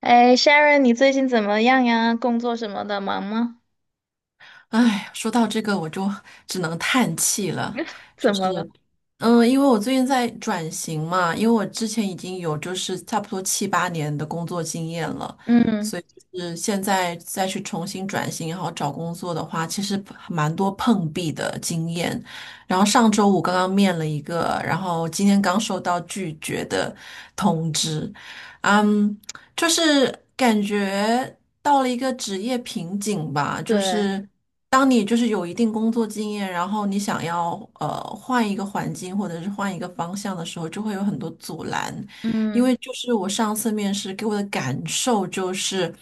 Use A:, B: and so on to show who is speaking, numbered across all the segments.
A: 哎，Sharon，你最近怎么样呀？工作什么的，忙吗？
B: 哎，说到这个，我就只能叹气了。就
A: 怎么了？
B: 是，因为我最近在转型嘛，因为我之前已经有就是差不多七八年的工作经验了，所
A: 嗯，
B: 以就是现在再去重新转型，然后找工作的话，其实蛮多碰壁的经验。然后上周五刚刚面了一个，然后今天刚收到拒绝的通知。嗯。就是感觉到了一个职业瓶颈吧，就
A: 对，
B: 是当你就是有一定工作经验，然后你想要换一个环境或者是换一个方向的时候，就会有很多阻拦，因为
A: 嗯
B: 就是我上次面试给我的感受就是。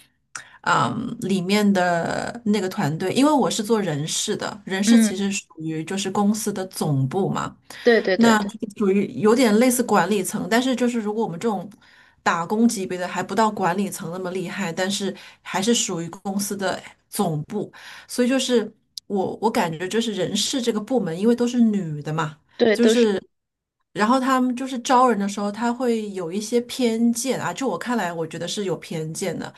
B: 嗯，里面的那个团队，因为我是做人事的，人事其
A: 嗯，
B: 实属于就是公司的总部嘛。
A: 对对对
B: 那就
A: 对
B: 是属于有点类似管理层，但是就是如果我们这种打工级别的还不到管理层那么厉害，但是还是属于公司的总部，所以就是我感觉就是人事这个部门，因为都是女的嘛，
A: 对，
B: 就
A: 都是
B: 是然后他们就是招人的时候，他会有一些偏见啊，就我看来，我觉得是有偏见的，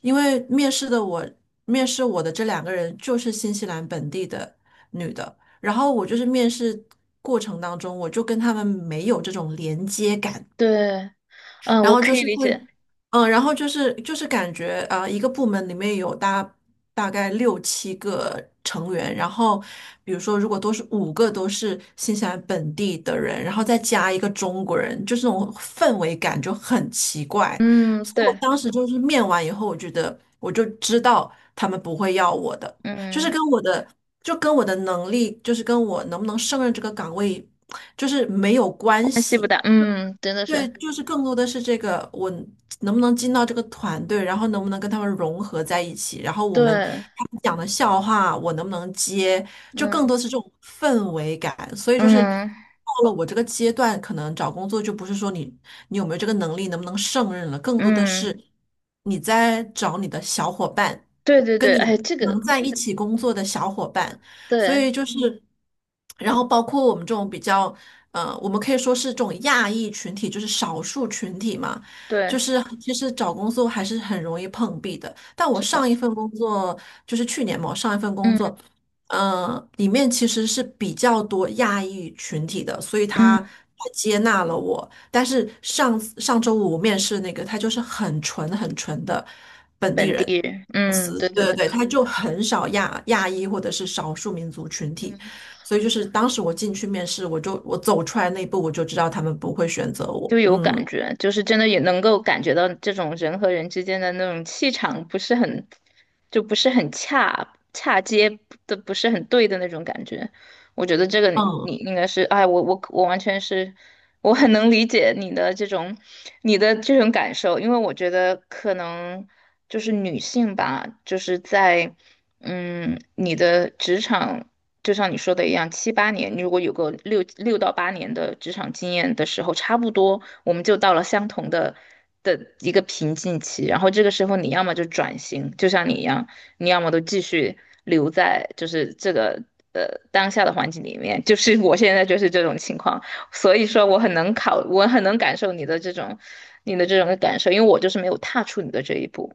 B: 因为面试我的这两个人就是新西兰本地的。女的，然后我就是面试过程当中，我就跟他们没有这种连接感，
A: 对，嗯，
B: 然
A: 我
B: 后就
A: 可以
B: 是
A: 理
B: 会，
A: 解，
B: 然后就是感觉一个部门里面有大概六七个成员，然后比如说如果都是五个都是新西兰本地的人，然后再加一个中国人，就这种氛围感就很奇怪，
A: 嗯，
B: 所以我
A: 对，
B: 当时就是面完以后，我觉得我就知道他们不会要我的，就是
A: 嗯，
B: 跟我的就跟我的能力，就是跟我能不能胜任这个岗位，就是没有关
A: 关系不
B: 系。
A: 大，嗯，真的
B: 对，
A: 是，
B: 就是更多的是这个，我能不能进到这个团队，然后能不能跟他们融合在一起，然后我们
A: 对，
B: 他们讲的笑话，我能不能接，就更
A: 嗯
B: 多是这种氛围感。所以就是到
A: 嗯
B: 了我这个阶段，可能找工作就不是说你有没有这个能力，能不能胜任了，更多的
A: 嗯，
B: 是你在找你的小伙伴，
A: 对对
B: 跟
A: 对，
B: 你
A: 哎，这个，
B: 能在一起工作的小伙伴。所
A: 对
B: 以就是，然后包括我们这种比较。嗯，我们可以说是这种亚裔群体，就是少数群体嘛，就
A: 对，
B: 是其实找工作还是很容易碰壁的。但我
A: 是吧？
B: 上一份工作就是去年嘛，我上一份工
A: 嗯
B: 作，嗯，里面其实是比较多亚裔群体的，所以
A: 嗯，
B: 他接纳了我。但是上上周五我面试那个，他就是很纯很纯的本地
A: 本
B: 人
A: 地人，
B: 公
A: 嗯，
B: 司，
A: 对
B: 对
A: 对
B: 对
A: 对，
B: 对，他就很少亚裔或者是少数民族群体。
A: 嗯。
B: 所以就是当时我进去面试，我就我走出来那一步，我就知道他们不会选择我。
A: 就有
B: 嗯
A: 感觉，就是真的也能够感觉到这种人和人之间的那种气场不是很，就不是很恰接的，不是很对的那种感觉。我觉得这个你
B: 嗯
A: 你应该是，哎，我完全是，我很能理解你的这种你的这种感受。因为我觉得可能就是女性吧，就是在你的职场。就像你说的一样，七八年，你如果有个六到八年的职场经验的时候，差不多我们就到了相同的一个瓶颈期。然后这个时候，你要么就转型，就像你一样，你要么都继续留在就是这个呃当下的环境里面。就是 我现在就是这种情况，所以说我很能考，我很能感受你的这种感受，因为我就是没有踏出你的这一步。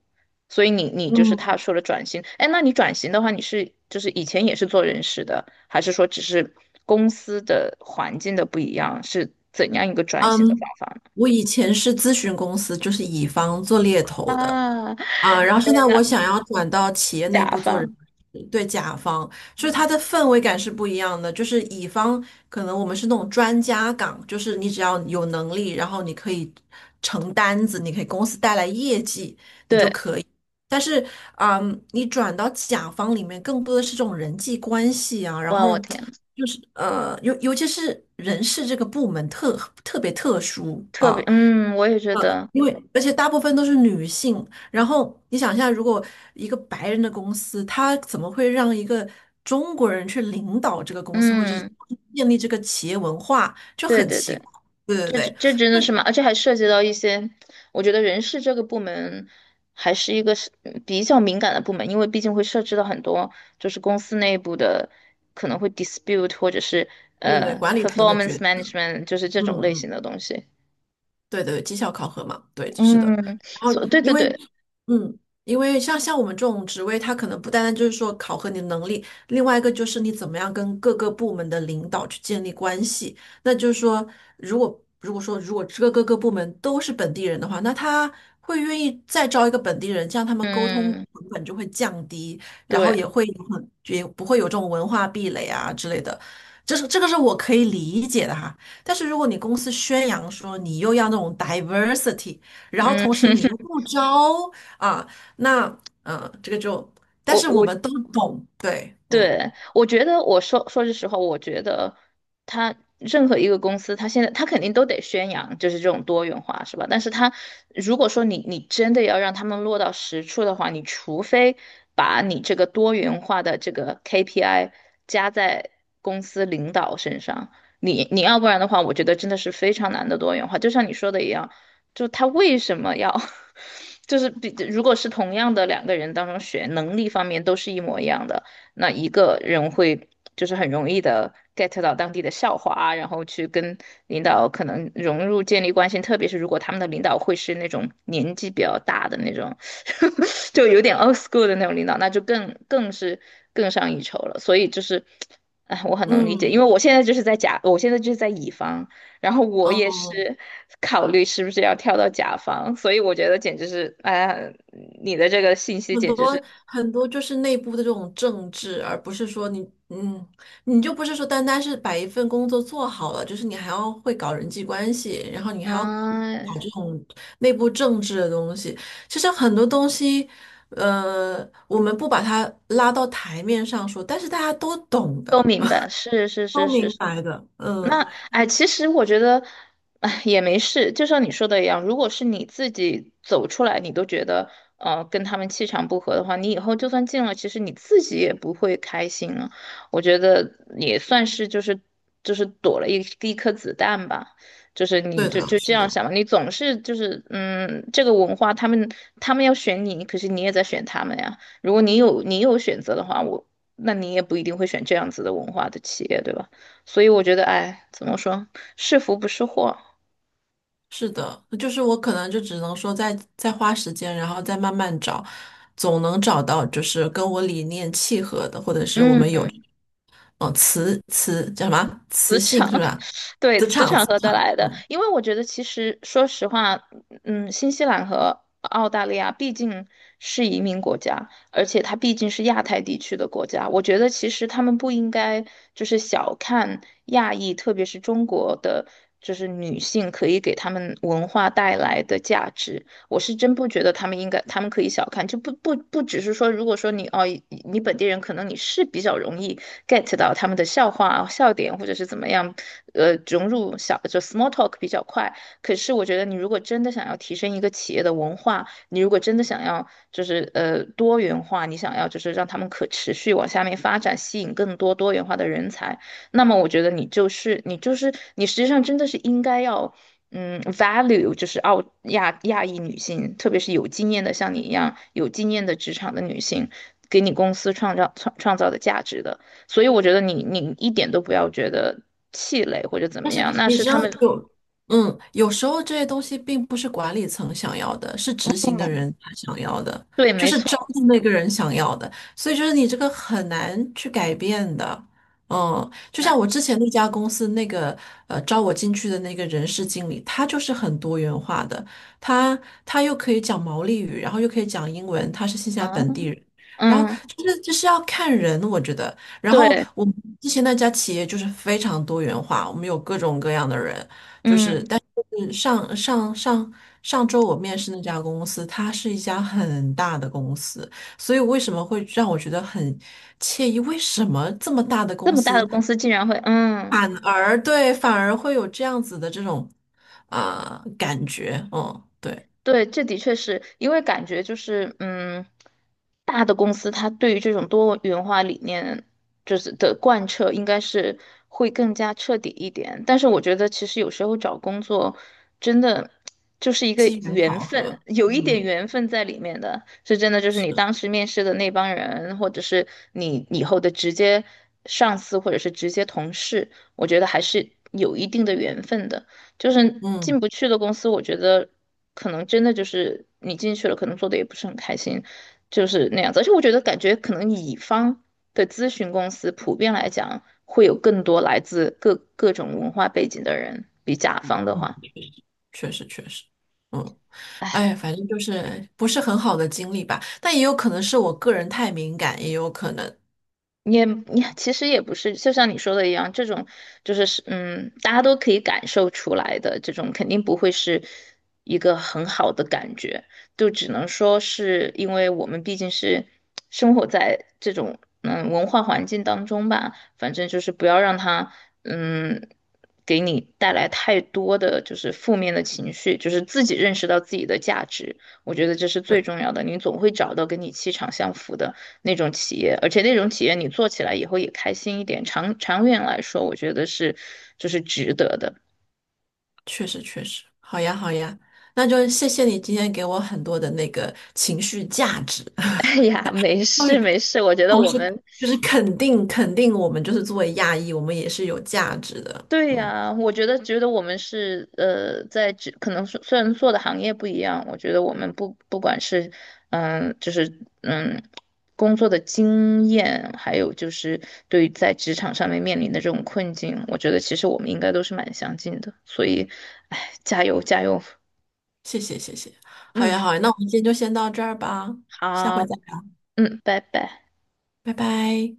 A: 所以你就是
B: 嗯
A: 他说的转型。哎，那你转型的话，你是就是以前也是做人事的，还是说只是公司的环境的不一样，是怎样一个转型的
B: 嗯。
A: 方法呢？
B: 我以前是咨询公司，就是乙方做猎头的
A: 啊，
B: 啊，然后现在我想要转到企业内
A: 甲
B: 部做人
A: 方，
B: 事，对，甲方，就是它的
A: 嗯
B: 氛围感是不一样的。就是乙方可能我们是那种专家岗，就是你只要有能力，然后你可以成单子，你可以公司带来业绩。
A: 对，
B: 但是，嗯，你转到甲方里面，更多的是这种人际关系啊，然
A: 哇，我
B: 后
A: 天，
B: 就是尤其是人事这个部门特别特殊
A: 特别，
B: 啊，
A: 嗯，我也觉得，
B: 因为而且大部分都是女性。然后你想一下，如果一个白人的公司，他怎么会让一个中国人去领导这个公司，或者是
A: 嗯，
B: 建立这个企业文化，就
A: 对
B: 很
A: 对
B: 奇
A: 对。
B: 怪。对对
A: 这这
B: 对，
A: 这真的
B: 就
A: 是
B: 对
A: 吗？而且还涉及到一些，我觉得人事这个部门还是一个是比较敏感的部门，因为毕竟会涉及到很多就是公司内部的可能会 dispute 或者是
B: 对对，管理层的
A: performance
B: 抉择。
A: management，就是这
B: 嗯
A: 种类型
B: 嗯。
A: 的东西。
B: 对对，绩效考核嘛，对，是的。
A: 嗯，
B: 然后
A: 对
B: 因
A: 对
B: 为，
A: 对，
B: 嗯，因为像我们这种职位，它可能不单单就是说考核你的能力，另外一个就是你怎么样跟各个部门的领导去建立关系。那就是说，如果这个各个部门都是本地人的话，那他会愿意再招一个本地人，这样他们沟通
A: 嗯
B: 成本就会降低，然后
A: 对，
B: 也会也不会有这种文化壁垒啊之类的。这是这个是我可以理解的哈，但是如果你公司宣扬说你又要那种 diversity，然后
A: 嗯，
B: 同时 你又不招啊，那这个就，但
A: 我
B: 是我
A: 我
B: 们都懂，对，嗯
A: 对，我觉得说说句实话，我觉得他任何一个公司，他现在肯定都得宣扬就是这种多元化，是吧？但是他如果说你真的要让他们落到实处的话，你除非把你这个多元化的这个 KPI 加在公司领导身上，你要不然的话，我觉得真的是非常难的多元化。就像你说的一样，就他为什么要 就是比，如果是同样的两个人当中选能力方面都是一模一样的。那一个人会就是很容易的 get 到当地的笑话啊，然后去跟领导可能融入建立关系，特别是如果他们的领导会是那种年纪比较大的那种，就有点 old school 的那种领导，那就更是更上一筹了。所以就是，哎，我很能理解，因为
B: 嗯
A: 我现在就是在乙方，然后我也
B: 嗯。
A: 是考虑是不是要跳到甲方，所以我觉得简直是，哎呀，你的这个信息
B: 很
A: 简直
B: 多
A: 是。
B: 很多就是内部的这种政治，而不是说你，嗯，你就不是说单单是把一份工作做好了，就是你还要会搞人际关系，然后你还要
A: 嗯，
B: 搞这种内部政治的东西。其实很多东西，我们不把它拉到台面上说，但是大家都懂
A: 都
B: 的，
A: 明白，是是
B: 都
A: 是是
B: 明
A: 是，
B: 白的，
A: 那
B: 嗯，
A: 哎，其实我觉得，哎，也没事。就像你说的一样，如果是你自己走出来，你都觉得跟他们气场不合的话，你以后就算进了，其实你自己也不会开心了。我觉得也算是就是躲了一颗子弹吧。就是你
B: 对
A: 就
B: 的，
A: 就这
B: 是
A: 样
B: 的。
A: 想吧，你总是就是嗯，这个文化他们要选你，可是你也在选他们呀。如果你有选择的话，那你也不一定会选这样子的文化的企业，对吧？所以我觉得，哎，怎么说，是福不是祸。
B: 是的，就是我可能就只能说再花时间，然后再慢慢找，总能找到就是跟我理念契合的，或者是我们有嗯、
A: 嗯，
B: 呃磁磁叫什么磁
A: 磁
B: 性
A: 场，
B: 是吧？
A: 对，
B: 磁
A: 磁
B: 场
A: 场
B: 磁
A: 合得
B: 场。
A: 来的。因为我觉得，其实说实话，嗯，新西兰和澳大利亚毕竟是移民国家，而且它毕竟是亚太地区的国家。我觉得，其实他们不应该就是小看亚裔，特别是中国的，就是女性可以给他们文化带来的价值。我是真不觉得他们应该，他们可以小看，就不只是说，如果说你哦，你本地人可能你是比较容易 get 到他们的笑话、笑点，或者是怎么样，融入就 small talk 比较快。可是我觉得你如果真的想要提升一个企业的文化，你如果真的想要就是多元化，你想要就是让他们可持续往下面发展，吸引更多元化的人才，那么我觉得你就是你就是你实际上真的是应该要。嗯，value 就是亚裔女性，特别是有经验的，像你一样有经验的职场的女性，给你公司创造的价值的。所以我觉得你一点都不要觉得气馁或者怎
B: 但
A: 么
B: 是
A: 样，那
B: 你
A: 是
B: 知
A: 他
B: 道
A: 们
B: 有，嗯，有时候这些东西并不是管理层想要的，是执行的人他想要的，
A: 对，
B: 就
A: 没
B: 是招
A: 错，
B: 的那个人想要的，所以就是你这个很难去改变的。嗯，就像我之前那家公司那个招我进去的那个人事经理，他就是很多元化的，他他又可以讲毛利语，然后又可以讲英文，他是新西兰
A: 啊，
B: 本地人，然后
A: 嗯，
B: 就是就是要看人，我觉得。然后
A: 对，
B: 我们之前那家企业就是非常多元化，我们有各种各样的人。
A: 嗯，
B: 嗯，上周我面试那家公司，它是一家很大的公司，所以为什么会让我觉得很惬意？为什么这么大的
A: 这
B: 公
A: 么大的
B: 司
A: 公司竟然会嗯。
B: 反而会有这样子的这种感觉？嗯，对，
A: 对，这的确是因为感觉就是，嗯，大的公司它对于这种多元化理念的贯彻，应该是会更加彻底一点。但是我觉得，其实有时候找工作真的就是一个
B: 机缘
A: 缘
B: 巧
A: 分，
B: 合，
A: 有一点
B: 嗯
A: 缘分在里面的，是真的。就是你
B: 是，
A: 当时面试的那帮人，或者是你以后的直接上司，或者是直接同事，我觉得还是有一定的缘分的。就是
B: 嗯。
A: 进不去的公司，我觉得。可能真的就是你进去了，可能做的也不是很开心，就是那样子。而且我觉得，感觉可能乙方的咨询公司普遍来讲，会有更多来自各种文化背景的人，比甲方的话。
B: 确实确实，嗯，
A: 唉。
B: 哎，反正就是不是很好的经历吧，但也有可能是我个人太敏感，也有可能，
A: 你其实也不是，就像你说的一样，这种就是嗯，大家都可以感受出来的，这种肯定不会是一个很好的感觉，就只能说是因为我们毕竟是生活在这种文化环境当中吧，反正就是不要让它嗯给你带来太多的就是负面的情绪，就是自己认识到自己的价值，我觉得这是最
B: 对，
A: 重要的，你总会找到跟你气场相符的。那种企业，而且那种企业你做起来以后也开心一点，长远来说，我觉得是就是值得的。
B: 确实确实，好呀好呀，那就谢谢你今天给我很多的那个情绪价值，
A: 哎呀，没 事
B: 对，
A: 没事，我觉得
B: 同
A: 我
B: 时
A: 们
B: 就是肯定我们就是作为亚裔，我们也是有价值的，
A: 对
B: 嗯，
A: 呀，我觉得我们是呃，在职可能是虽然做的行业不一样，我觉得我们不管是嗯，就是嗯。工作的经验，还有就是对于在职场上面面临的这种困境，我觉得其实我们应该都是蛮相近的，所以，哎，加油加油，
B: 谢谢谢谢，好
A: 嗯，
B: 呀好呀，那我们今天就先到这儿吧，下回
A: 好。
B: 再聊，
A: 嗯，拜拜。
B: 拜拜。